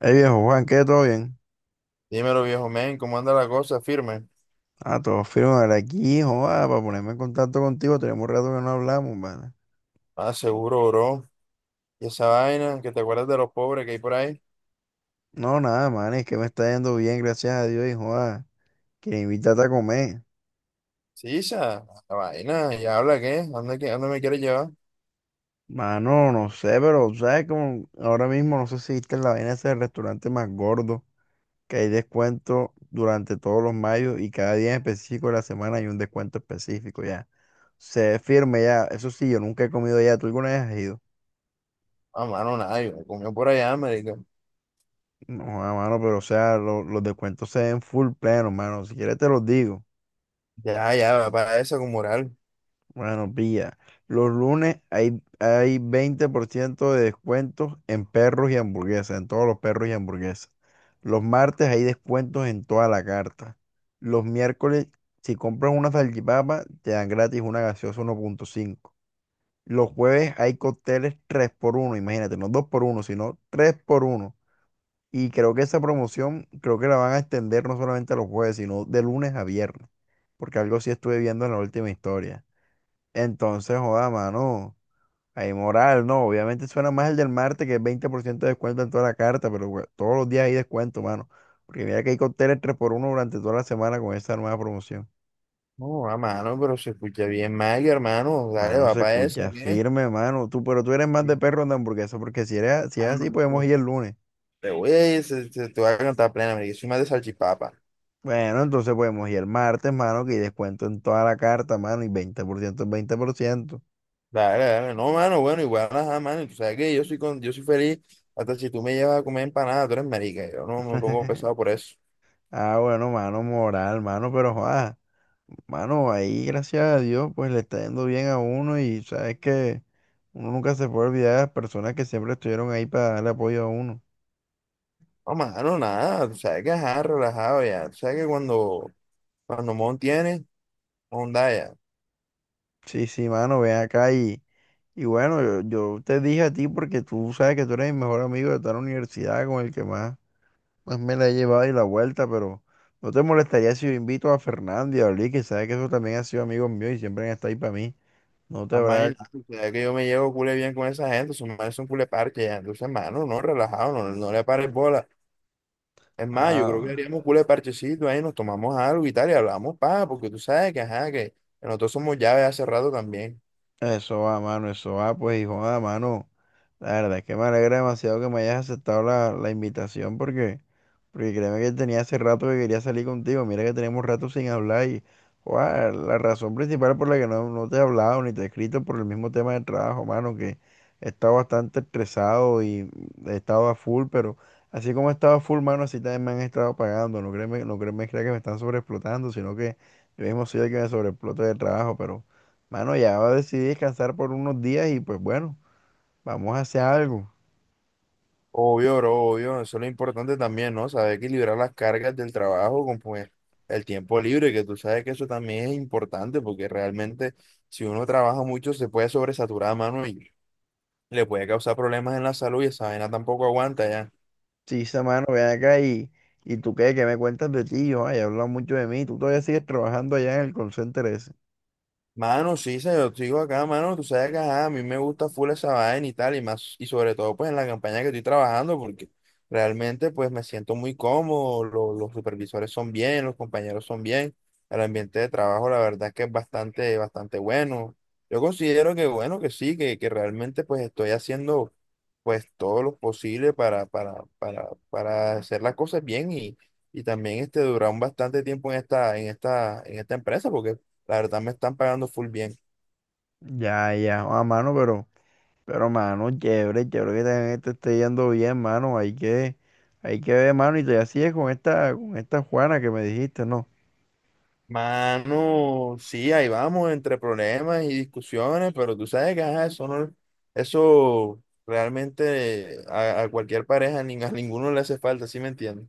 Hey viejo Juan, ¿qué? ¿Todo bien? Dímelo, viejo men, ¿cómo anda la cosa? Firme. Ah, todo firme ahora aquí, joda, para ponerme en contacto contigo, tenemos rato que no hablamos, man. Ah, seguro, bro. Y esa vaina, que te acuerdas de los pobres que hay por ahí. No, nada, man, es que me está yendo bien, gracias a Dios, y joda, que invitarte a comer. Sí, esa la vaina, ya habla qué, ¿a dónde me quieres llevar? Mano, no sé, pero sabes como ahora mismo no sé si viste la vaina ese del restaurante más gordo, que hay descuento durante todos los mayos y cada día en específico de la semana hay un descuento específico ya. Se firme ya, eso sí, yo nunca he comido ya, ¿tú alguna vez has ido? A mano, nada, yo me comió por allá, marica. No, hermano, pero o sea, los descuentos se ven full pleno, hermano. Si quieres te los digo. Ya, ya, va para esa con moral. Bueno, pilla. Los lunes hay 20% de descuentos en perros y hamburguesas, en todos los perros y hamburguesas. Los martes hay descuentos en toda la carta. Los miércoles, si compras una salchipapa, te dan gratis una gaseosa 1.5. Los jueves hay cócteles tres por uno, imagínate, no dos por uno sino tres por uno. Y creo que esa promoción, creo que la van a extender no solamente a los jueves, sino de lunes a viernes, porque algo sí estuve viendo en la última historia. Entonces, joda, mano, hay moral, no, obviamente suena más el del martes, que es 20% de descuento en toda la carta, pero todos los días hay descuento, mano, porque mira que hay cócteles tres por uno durante toda la semana con esa nueva promoción. No, a mano, pero se escucha bien mal, hermano. Dale, Mano, va se para esa, escucha ¿qué? firme, mano, tú, pero tú eres más de perro de hamburguesa, porque si eres, si es Ah, así, no, podemos no. ir el lunes. Te voy a ir, te voy a cantar plena, marica. Soy más de salchipapa. Bueno, entonces podemos ir el martes, mano, que hay descuento en toda la carta, mano, y 20% es 20%. Dale, dale. No, mano, bueno, igual, ajá, mano. Y tú sabes que yo soy, con, yo soy feliz hasta si tú me llevas a comer empanada, tú eres marica. Yo no me pongo pesado por eso. Ah, bueno, mano, moral, mano, pero joda, mano, ahí, gracias a Dios, pues le está yendo bien a uno y sabes que uno nunca se puede olvidar de las personas que siempre estuvieron ahí para darle apoyo a uno. No, mano, nada. Tú sabes que, ajá, relajado ya. Tú sabes que cuando Mon tiene, onda ya. Sí, sí, mano, ven acá y, bueno, yo te dije a ti porque tú sabes que tú eres mi mejor amigo de toda la universidad con el que más pues me la he llevado y la vuelta, pero no te molestaría si yo invito a Fernando y a Oli, que sabes que eso también ha sido amigos míos y siempre han estado ahí para mí. No te A mano y habrá. nada. Tú sabes que yo me llevo cule bien con esa gente. Son manes son cule parche ya. Entonces, mano, no, relajado, no, no le pares bola. Es más, yo creo que Ah, haríamos cule parchecito ahí, nos tomamos algo y tal, y hablamos, pa, porque tú sabes que, ajá, que nosotros somos llaves hace rato también. eso va, mano, eso va, pues, hijo, ah, mano. La verdad es que me alegra demasiado que me hayas aceptado la invitación porque. Porque créeme que tenía hace rato que quería salir contigo. Mira que tenemos rato sin hablar y guau, la razón principal por la que no te he hablado ni te he escrito por el mismo tema del trabajo, mano, que he estado bastante estresado y he estado a full, pero así como he estado a full, mano, así también me han estado pagando. No créeme, no créeme crea que me están sobreexplotando, sino que yo mismo soy el que me sobreexplota de trabajo, pero, mano, ya decidí descansar por unos días y pues bueno, vamos a hacer algo. Obvio, bro, obvio, eso es lo importante también, ¿no? Saber equilibrar las cargas del trabajo con pues el tiempo libre, que tú sabes que eso también es importante, porque realmente si uno trabaja mucho se puede sobresaturar, mano, y le puede causar problemas en la salud y esa vaina tampoco aguanta ya. Sí, esa mano, ven acá y, tú qué, qué me cuentas de ti, yo, ay, he hablado mucho de mí, tú todavía sigues trabajando allá en el call center ese. Mano, sí, yo sigo acá, mano. Tú sabes que ajá, a mí me gusta full esa vaina y tal, y más, y sobre todo pues en la campaña que estoy trabajando, porque realmente pues me siento muy cómodo, los supervisores son bien, los compañeros son bien, el ambiente de trabajo la verdad es que es bastante, bastante bueno. Yo considero que bueno, que sí, que realmente pues estoy haciendo pues todo lo posible para hacer las cosas bien y también este durar un bastante tiempo en en esta empresa, porque la verdad me están pagando full bien. Ya, ya, a mano, pero, mano, chévere, chévere que también te esté yendo bien, mano, hay que ver, mano, y todavía sigues con esta Juana que me dijiste, ¿no? Mano, sí, ahí vamos entre problemas y discusiones, pero tú sabes que ajá, eso no, eso realmente a cualquier pareja, ni a ninguno le hace falta, ¿sí me entiendes?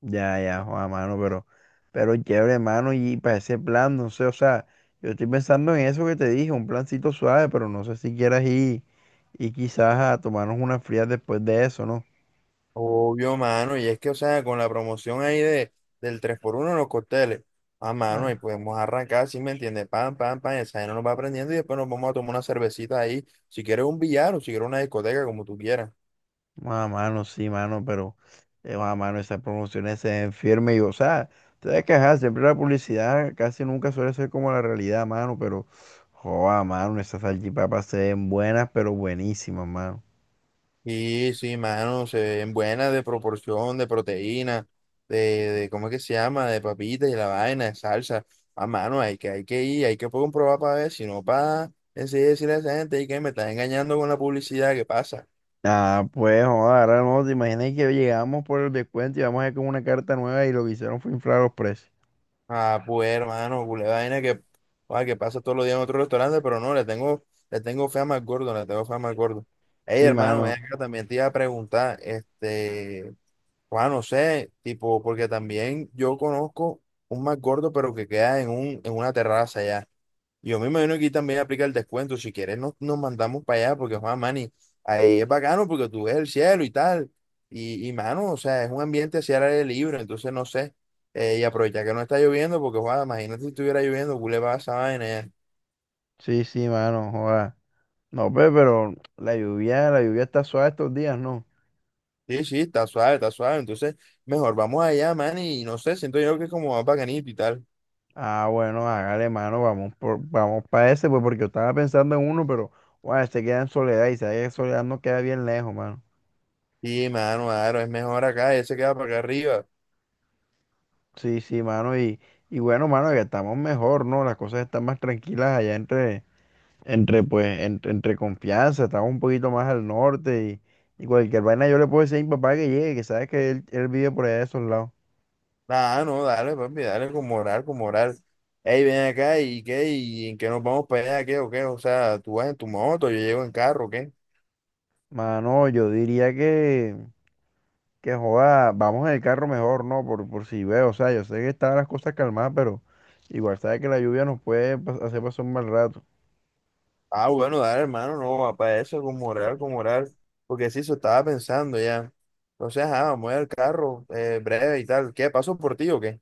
Ya, ya, a mano, pero chévere, mano, y para ese plan, no sé, o sea, yo estoy pensando en eso que te dije, un plancito suave, pero no sé si quieras ir y quizás a tomarnos unas frías después de eso, ¿no? Obvio, mano, y es que, o sea, con la promoción ahí de, del tres por uno en los cócteles, a mano, y Ah, podemos arrancar, ¿sí me entiendes? Pam, pam, pam, esa gente nos va aprendiendo y después nos vamos a tomar una cervecita ahí, si quieres un billar o si quieres una discoteca, como tú quieras. Mano, sí, mano, pero, mano, esas promociones se ven firmes y, o sea, te das que quejar, siempre la publicidad casi nunca suele ser como la realidad, mano, pero, joda, mano, esas salchipapas se ven buenas, pero buenísimas, mano. Sí, sí, mano, se ven buenas de proporción, de proteína, de ¿cómo es que se llama? De papitas y la vaina, de salsa. A mano, hay que ir, hay que comprobar para ver, si no para enseguida decirle a esa gente "Ey, que me estás engañando con la publicidad, ¿qué pasa? Ah, pues, joda, ahora no, te imaginas que llegamos por el descuento y vamos a ir con una carta nueva y lo que hicieron fue inflar los precios. Ah, pues hermano, culé vaina que, ah, que pasa todos los días en otro restaurante, pero no, le tengo fe a gordo, le tengo fe a gordo. Ey, Sí, hermano, ven mano, acá, también te iba a preguntar, este. Bueno, no sé, tipo, porque también yo conozco un más gordo, pero que queda en en una terraza allá. Yo me imagino que aquí también aplica el descuento. Si quieres, nos mandamos para allá, porque Juan Mani, ahí es bacano porque tú ves el cielo y tal. Y mano, o sea, es un ambiente hacia el aire libre, entonces no sé. Y aprovecha que no está lloviendo, porque Juan, imagínate si estuviera lloviendo, ¿qué le va a esa vaina allá? sí, sí, mano, joda. No, pues, pero la lluvia está suave estos días, ¿no? Sí, sí, está suave, está suave. Entonces, mejor vamos allá, man, y no sé, siento yo que es como más bacanito y tal. Ah, bueno, hágale, mano, vamos para ese, pues, porque yo estaba pensando en uno, pero, bueno, se queda en Soledad y sabes que Soledad no queda bien lejos, mano. Sí, mano, claro, es mejor acá, él se queda para acá arriba. Sí, sí, mano, y, bueno, mano, ya estamos mejor, ¿no? Las cosas están más tranquilas allá entre confianza, estamos un poquito más al norte y, cualquier vaina yo le puedo decir a mi papá que llegue, que sabes que él vive por allá de esos lados. Nah, no, dale, papi, dale con moral, con moral. Ey, ven acá, ¿y qué? ¿Y en qué nos vamos para allá? ¿Qué o qué? O sea, tú vas en tu moto, yo llego en carro, ¿qué? Mano, yo diría que... Que joda, vamos en el carro mejor, ¿no? Por si veo, o sea, yo sé que están las cosas calmadas, pero igual sabes que la lluvia nos puede hacer pasar un mal rato. Ah, bueno, dale, hermano, no, para eso, con moral, con moral. Porque sí, eso estaba pensando ya. Entonces, ah, vamos al carro, breve y tal. ¿Qué? ¿Paso por ti o qué?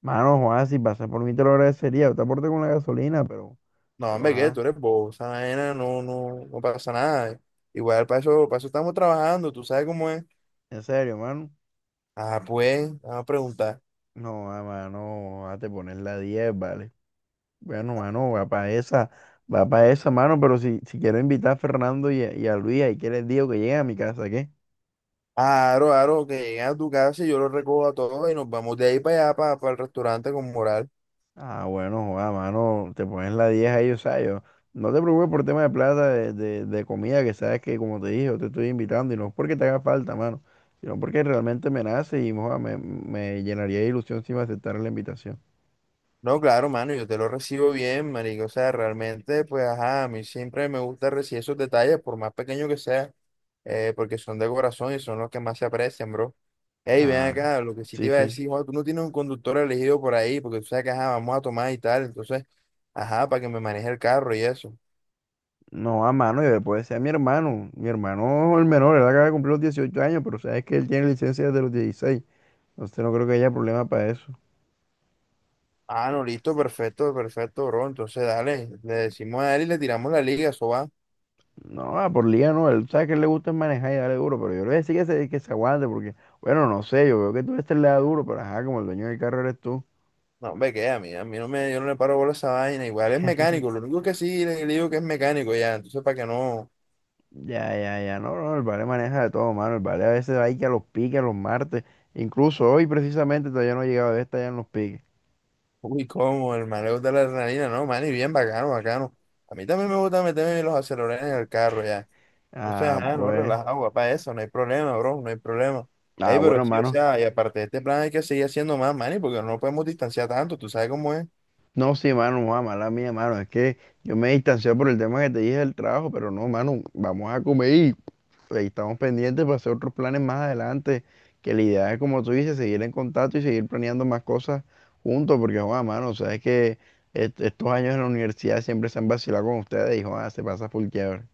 Mano, Juan, si pasas por mí te lo agradecería, yo te aporto con la gasolina, pero, No, hombre, ¿qué? ajá, Tú eres bobo, esa vaina no, no pasa nada. Igual, para eso estamos trabajando, tú sabes cómo es. en serio, mano. Ah, pues, vamos a preguntar. No, ah, mano, a te pones la 10 vale. Bueno, mano, va para esa, mano, pero si quiero invitar a Fernando y y a Luis, ahí que les digo que lleguen a mi casa, ¿qué? Aro, aro, que lleguen a tu casa y yo los recojo a todos y nos vamos de ahí para allá, para, el restaurante con moral. Ah, bueno, joda, mano, te pones la 10 ahí, o sea, yo, no te preocupes por tema de plata, de comida, que sabes que, como te dije, yo te estoy invitando y no es porque te haga falta, mano, sino porque realmente me nace y joda, me llenaría de ilusión si me aceptara la invitación. No, claro, mano, yo te lo recibo bien, marico. O sea, realmente, pues, ajá, a mí siempre me gusta recibir esos detalles, por más pequeño que sea, porque son de corazón y son los que más se aprecian, bro. Ey, ven Ah, acá, lo que sí te sí, iba a sí. decir, Juan, tú no tienes un conductor elegido por ahí, porque tú sabes que, ajá, vamos a tomar y tal, entonces, ajá, para que me maneje el carro y eso. No, a mano, y después sea mi hermano. Mi hermano, el menor, él acaba de cumplir los 18 años, pero sabes que él tiene licencia desde los 16, entonces no creo que haya problema para eso. Ah, no, listo, perfecto, perfecto, bro. Entonces, dale, le decimos a él y le tiramos la liga, eso va. No, ah, por liga no, él sabe que le gusta es manejar y darle duro, pero yo le voy a decir que se aguante porque, bueno, no sé, yo veo que tú este le da duro, pero ajá, como el dueño del carro eres tú. No, hombre, que a mí no me, yo no le paro bola a esa vaina. Igual es mecánico, lo único que sí le digo que es mecánico ya. Entonces, para que no, Ya, ya, ya, no, no, el vale maneja de todo, mano, el vale a veces va ahí que a los piques, a los martes, incluso hoy precisamente todavía no ha llegado, está ya en los piques. uy, cómo, el mareo de la adrenalina, no, man, y bien bacano, bacano. A mí también me gusta meterme los acelerones en el carro ya. O sea, Ah, ajá, no, pues, relajado, papá, eso, no hay problema, bro, no hay problema. ah, Ey, pero bueno, sí, o mano, sea, y aparte de este plan hay que seguir haciendo más, man, porque no nos podemos distanciar tanto, tú sabes cómo es. no, sí, mano, no, mala mía, mano, es que yo me distancié por el tema que te dije del trabajo, pero no, mano, vamos a comer y ahí estamos pendientes para hacer otros planes más adelante, que la idea es, como tú dices, seguir en contacto y seguir planeando más cosas juntos, porque, Juan, mano, sabes que estos años en la universidad siempre se han vacilado con ustedes y, Juan, se pasa full chévere.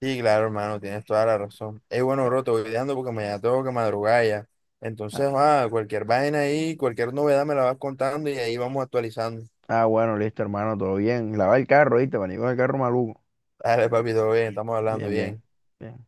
Sí, claro, hermano, tienes toda la razón. Es bueno, Bueno, bro, te voy dejando porque mañana tengo que madrugar ya. Entonces, ah, ah, cualquier vaina ahí, cualquier novedad me la vas contando y ahí vamos actualizando. Bueno, listo, hermano, todo bien. Lava el carro, ¿viste? Venimos el carro maluco. Dale, papi, todo bien, estamos hablando Bien, bien. bien. bien.